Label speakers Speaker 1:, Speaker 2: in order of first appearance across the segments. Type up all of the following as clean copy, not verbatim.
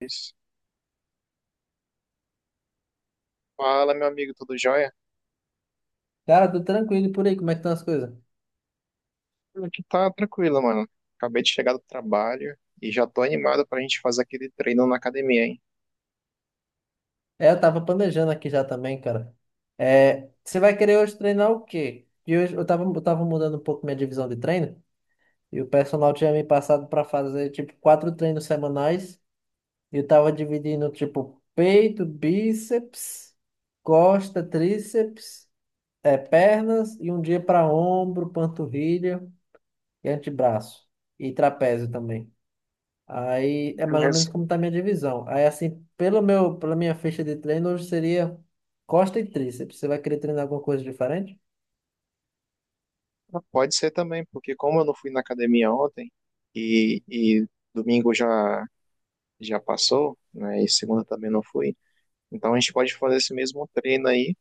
Speaker 1: Isso. Fala, meu amigo, tudo jóia?
Speaker 2: Cara, tô tranquilo e por aí, como é que estão as coisas?
Speaker 1: Aqui tá tranquilo, mano. Acabei de chegar do trabalho e já tô animado pra gente fazer aquele treino na academia, hein?
Speaker 2: É, eu tava planejando aqui já também, cara. É, você vai querer hoje treinar o quê? E hoje eu tava mudando um pouco minha divisão de treino e o personal tinha me passado pra fazer tipo quatro treinos semanais e eu tava dividindo tipo peito, bíceps, costa, tríceps, é, pernas e um dia pra ombro, panturrilha e antebraço e trapézio também. Aí é mais ou menos
Speaker 1: Beleza.
Speaker 2: como está a minha divisão. Aí assim, pela minha ficha de treino, hoje seria costa e tríceps. Você vai querer treinar alguma coisa diferente?
Speaker 1: Pode ser também, porque como eu não fui na academia ontem e domingo já passou, né? E segunda também não fui, então a gente pode fazer esse mesmo treino aí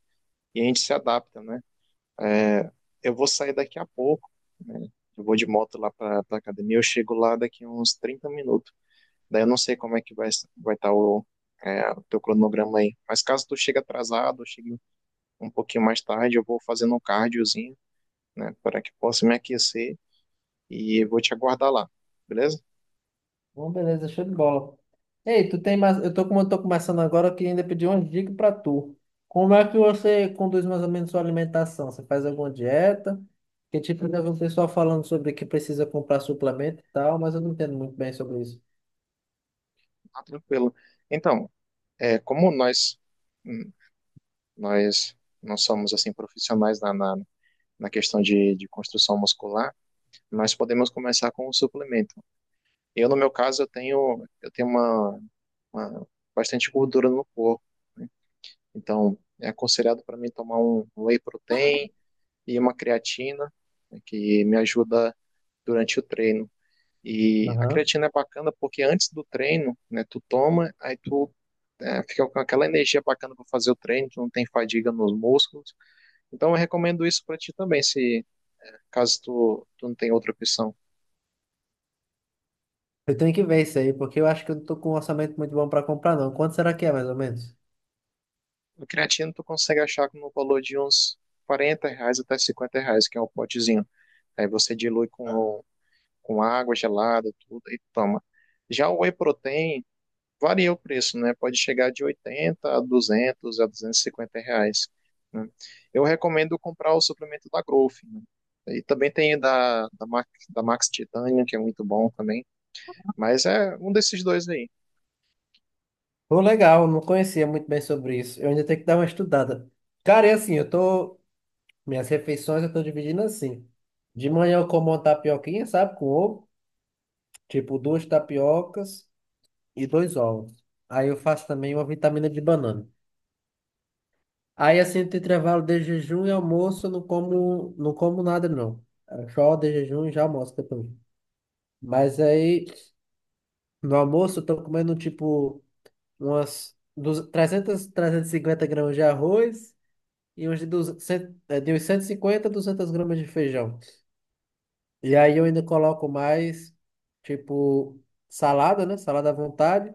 Speaker 1: e a gente se adapta, né? É, eu vou sair daqui a pouco, né? Eu vou de moto lá pra academia, eu chego lá daqui uns 30 minutos. Daí eu não sei como é que vai estar o teu cronograma aí. Mas caso tu chegue atrasado, chegue um pouquinho mais tarde, eu vou fazendo um cardiozinho, né, para que possa me aquecer e vou te aguardar lá, beleza?
Speaker 2: Bom, beleza, show de bola. Ei, tu tem mais, eu tô como eu tô começando agora, eu queria ainda pedir uma dica para tu. Como é que você conduz mais ou menos sua alimentação? Você faz alguma dieta? Que tipo, eu já vi um pessoal falando sobre que precisa comprar suplemento e tal, mas eu não entendo muito bem sobre isso.
Speaker 1: Ah, tranquilo. Então, como hum, nós não somos assim profissionais na questão de construção muscular, nós podemos começar com um suplemento. Eu, no meu caso, eu tenho uma bastante gordura no corpo. Então, é aconselhado para mim tomar um whey protein e uma creatina, né, que me ajuda durante o treino. E a
Speaker 2: Aham.
Speaker 1: creatina é bacana porque antes do treino, né, tu toma, aí tu fica com aquela energia bacana para fazer o treino, tu não tem fadiga nos músculos. Então eu recomendo isso para ti também, se caso tu não tem outra opção.
Speaker 2: Eu tenho que ver isso aí, porque eu acho que eu não tô com um orçamento muito bom para comprar, não. Quanto será que é, mais ou menos?
Speaker 1: A creatina tu consegue achar no valor de uns R$40 até R$50, que é o potezinho. Aí você dilui com água gelada, tudo, e toma. Já o whey protein varia o preço, né? Pode chegar de 80 a 200 a R$250, né? Eu recomendo comprar o suplemento da Growth, né? E também tem da Max Titanium, que é muito bom também. Mas é um desses dois aí.
Speaker 2: Pô, legal, não conhecia muito bem sobre isso. Eu ainda tenho que dar uma estudada. Cara, é assim, eu tô. Minhas refeições eu tô dividindo assim. De manhã eu como uma tapioquinha, sabe? Com ovo. Tipo, duas tapiocas e dois ovos. Aí eu faço também uma vitamina de banana. Aí assim, entre intervalo de jejum e almoço, eu não como nada, não. É só de jejum e já almoço depois. Mas aí, no almoço, eu tô comendo tipo umas 200, 300, 350 gramas de arroz. E 200, de uns 150 a 200 gramas de feijão. E aí eu ainda coloco mais, tipo, salada, né? Salada à vontade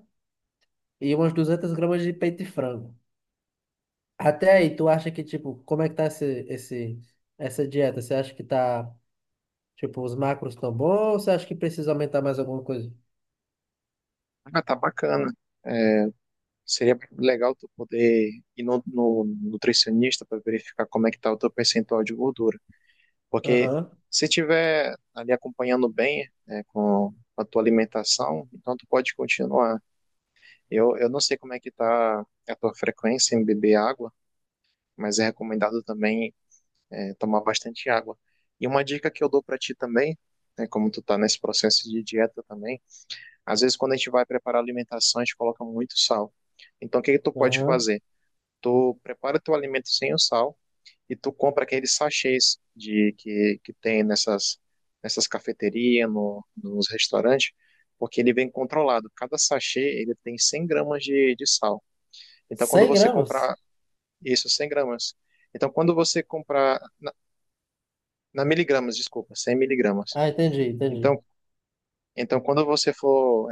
Speaker 2: e umas 200 gramas de peito de frango. Até aí, tu acha que, tipo, como é que tá essa dieta? Você acha que tá, tipo, os macros tão bons ou você acha que precisa aumentar mais alguma coisa?
Speaker 1: Ah, tá bacana. É, Seria legal tu poder ir no nutricionista para verificar como é que tá o teu percentual de gordura. Porque
Speaker 2: Aham,
Speaker 1: se tiver ali acompanhando bem, né, com a tua alimentação, então tu pode continuar. Eu não sei como é que tá a tua frequência em beber água, mas é recomendado também tomar bastante água. E uma dica que eu dou para ti também, né, como tu tá nesse processo de dieta também, às vezes quando a gente vai preparar alimentação, a gente coloca muito sal. Então o que que tu pode
Speaker 2: aham.
Speaker 1: fazer? Tu prepara teu alimento sem o sal, e tu compra aqueles sachês de que tem nessas cafeterias, no, nos restaurantes, porque ele vem controlado. Cada sachê ele tem 100 g de sal. Então, quando
Speaker 2: cem
Speaker 1: você
Speaker 2: gramas?
Speaker 1: comprar isso, 100 g. Então, quando você comprar na miligramas, desculpa, 100 mg.
Speaker 2: Ah, entendi, entendi.
Speaker 1: Então, então, quando você for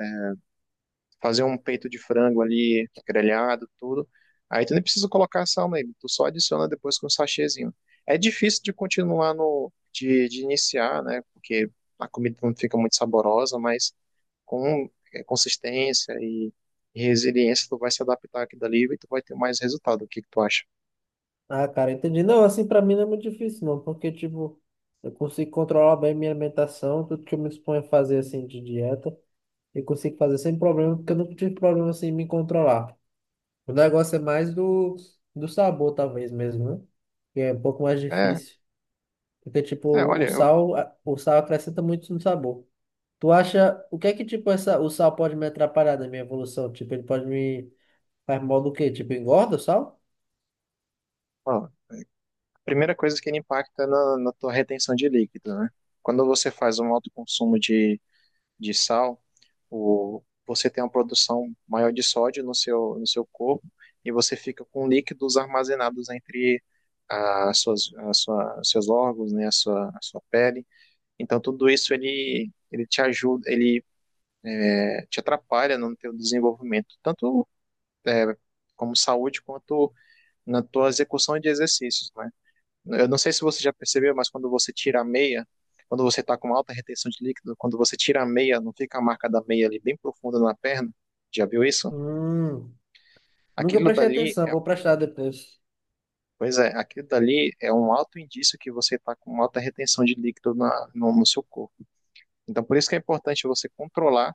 Speaker 1: fazer um peito de frango ali, grelhado, tudo. Aí tu nem precisa colocar sal nele, tu só adiciona depois com um sachêzinho. É difícil de continuar no, de iniciar, né? Porque a comida não fica muito saborosa, mas com consistência e resiliência tu vai se adaptar aqui dali e tu vai ter mais resultado. O que que tu acha?
Speaker 2: Ah, cara, entendi. Não, assim, pra mim não é muito difícil, não, porque, tipo, eu consigo controlar bem minha alimentação, tudo que eu me exponho a fazer, assim, de dieta, eu consigo fazer sem problema, porque eu nunca tive problema, assim, em me controlar. O negócio é mais do sabor, talvez mesmo, né? Que é um pouco mais
Speaker 1: É,
Speaker 2: difícil, porque, tipo,
Speaker 1: olha,
Speaker 2: o sal acrescenta muito no sabor. Tu acha, o que é que, tipo, essa, o sal pode me atrapalhar na minha evolução? Tipo, ele pode me, faz mal do quê? Tipo, engorda o sal?
Speaker 1: ó, a primeira coisa que ele impacta na tua retenção de líquido, né? Quando você faz um alto consumo de sal, você tem uma produção maior de sódio no seu corpo e você fica com líquidos armazenados entre as suas, as sua, os seus órgãos, né, a sua pele. Então tudo isso ele te ajuda, ele te atrapalha no teu desenvolvimento, tanto é, como saúde quanto na tua execução de exercícios, né? Eu não sei se você já percebeu, mas quando você tira a meia, quando você está com alta retenção de líquido, quando você tira a meia, não fica a marca da meia ali bem profunda na perna? Já viu isso?
Speaker 2: Hum, nunca
Speaker 1: Aquilo
Speaker 2: prestei
Speaker 1: dali,
Speaker 2: atenção, vou prestar depois.
Speaker 1: pois é, aquilo dali é um alto indício que você está com alta retenção de líquido na, no, no seu corpo. Então, por isso que é importante você controlar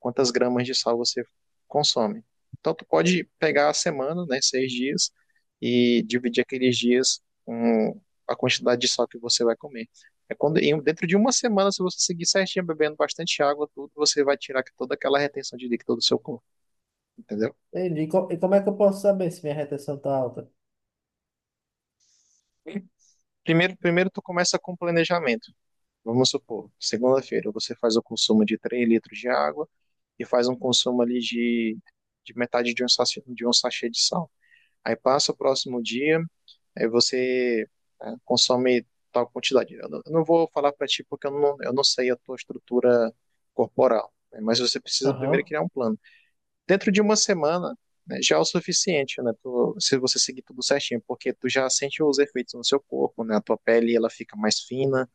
Speaker 1: quantas gramas de sal você consome. Então, tu pode pegar a semana, né, 6 dias, e dividir aqueles dias com a quantidade de sal que você vai comer. É quando, dentro de uma semana, se você seguir certinho, bebendo bastante água, tudo, você vai tirar toda aquela retenção de líquido do seu corpo, entendeu?
Speaker 2: Entendi. E como é que eu posso saber se minha retenção tá alta?
Speaker 1: Primeiro, tu começa com planejamento. Vamos supor, segunda-feira você faz o consumo de 3 litros de água, e faz um consumo ali de metade de um sachê de sal. Aí passa o próximo dia, aí você consome tal quantidade. Eu não vou falar para ti porque eu não sei a tua estrutura corporal, né, mas você precisa primeiro
Speaker 2: Aham.
Speaker 1: criar um plano. Dentro de uma semana, né, já é o suficiente, né, se você seguir tudo certinho, porque tu já sente os efeitos no seu corpo, né, a tua pele ela fica mais fina,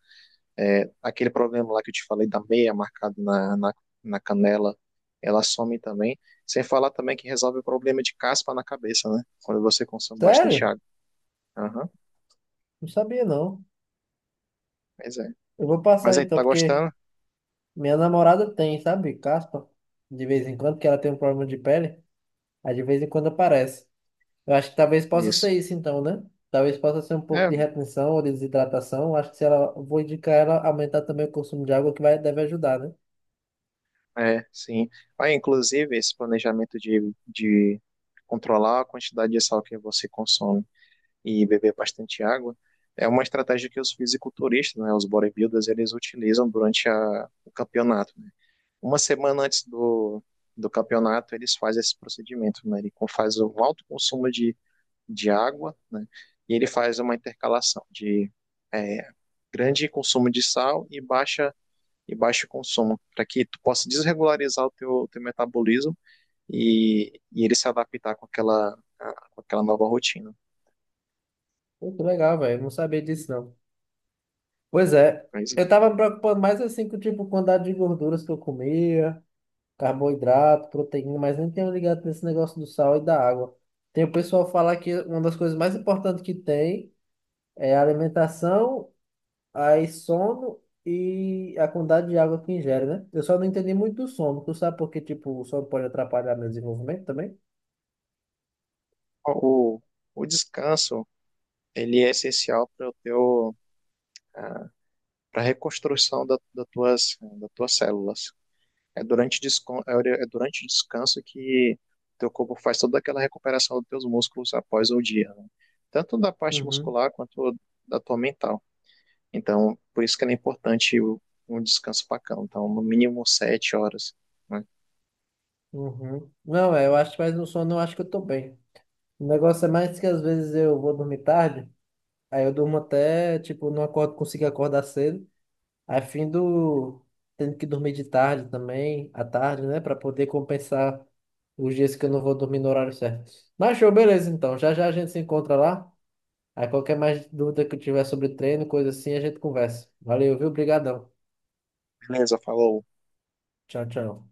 Speaker 1: aquele problema lá que eu te falei da meia marcada na canela, ela some também. Sem falar também que resolve o problema de caspa na cabeça, né? Quando você consome bastante
Speaker 2: Sério?
Speaker 1: água. Aham,
Speaker 2: Não sabia, não.
Speaker 1: pois é.
Speaker 2: Eu vou
Speaker 1: Mas
Speaker 2: passar
Speaker 1: aí,
Speaker 2: então,
Speaker 1: tá
Speaker 2: porque
Speaker 1: gostando?
Speaker 2: minha namorada tem, sabe, caspa, de vez em quando, que ela tem um problema de pele, aí de vez em quando aparece. Eu acho que talvez possa
Speaker 1: Isso.
Speaker 2: ser isso então, né? Talvez possa ser um pouco
Speaker 1: É,
Speaker 2: de retenção ou de desidratação. Eu acho que se ela, vou indicar ela aumentar também o consumo de água, que vai, deve ajudar, né?
Speaker 1: sim. Aí, inclusive, esse planejamento de controlar a quantidade de sal que você consome e beber bastante água é uma estratégia que os fisiculturistas, né, os bodybuilders, eles utilizam durante o campeonato. Uma semana antes do campeonato, eles fazem esse procedimento, né? Ele faz um alto consumo de água, né? E ele faz uma intercalação de é, grande consumo de sal e baixo consumo, para que tu possa desregularizar o teu metabolismo e ele se adaptar com aquela nova rotina.
Speaker 2: Muito legal, velho. Não sabia disso, não. Pois é.
Speaker 1: Mas,
Speaker 2: Eu
Speaker 1: é.
Speaker 2: tava me preocupando mais assim com, tipo, quantidade de gorduras que eu comia. Carboidrato, proteína, mas nem tenho ligado nesse negócio do sal e da água. Tem o pessoal falar que uma das coisas mais importantes que tem é a alimentação, aí sono e a quantidade de água que ingere, né? Eu só não entendi muito do sono. Tu sabe porque, tipo, o sono pode atrapalhar meu desenvolvimento também?
Speaker 1: o, o descanso ele é essencial para o teu para a reconstrução da, das tuas células. É durante o descanso que teu corpo faz toda aquela recuperação dos teus músculos após o dia, né? Tanto da parte
Speaker 2: Uhum,
Speaker 1: muscular quanto da tua mental. Então, por isso que é importante um descanso bacana. Então, no mínimo 7 horas, né?
Speaker 2: uhum. Não, é, eu acho que mais no sono eu acho que eu tô bem. O negócio é mais que às vezes eu vou dormir tarde, aí eu durmo até, tipo, não acordo, consigo acordar cedo. A fim do tendo que dormir de tarde também, à tarde, né, para poder compensar os dias que eu não vou dormir no horário certo. Mas show, beleza então. Já já a gente se encontra lá. Aí qualquer mais dúvida que eu tiver sobre treino, coisa assim, a gente conversa. Valeu, viu? Obrigadão.
Speaker 1: Beleza, falou.
Speaker 2: Tchau, tchau.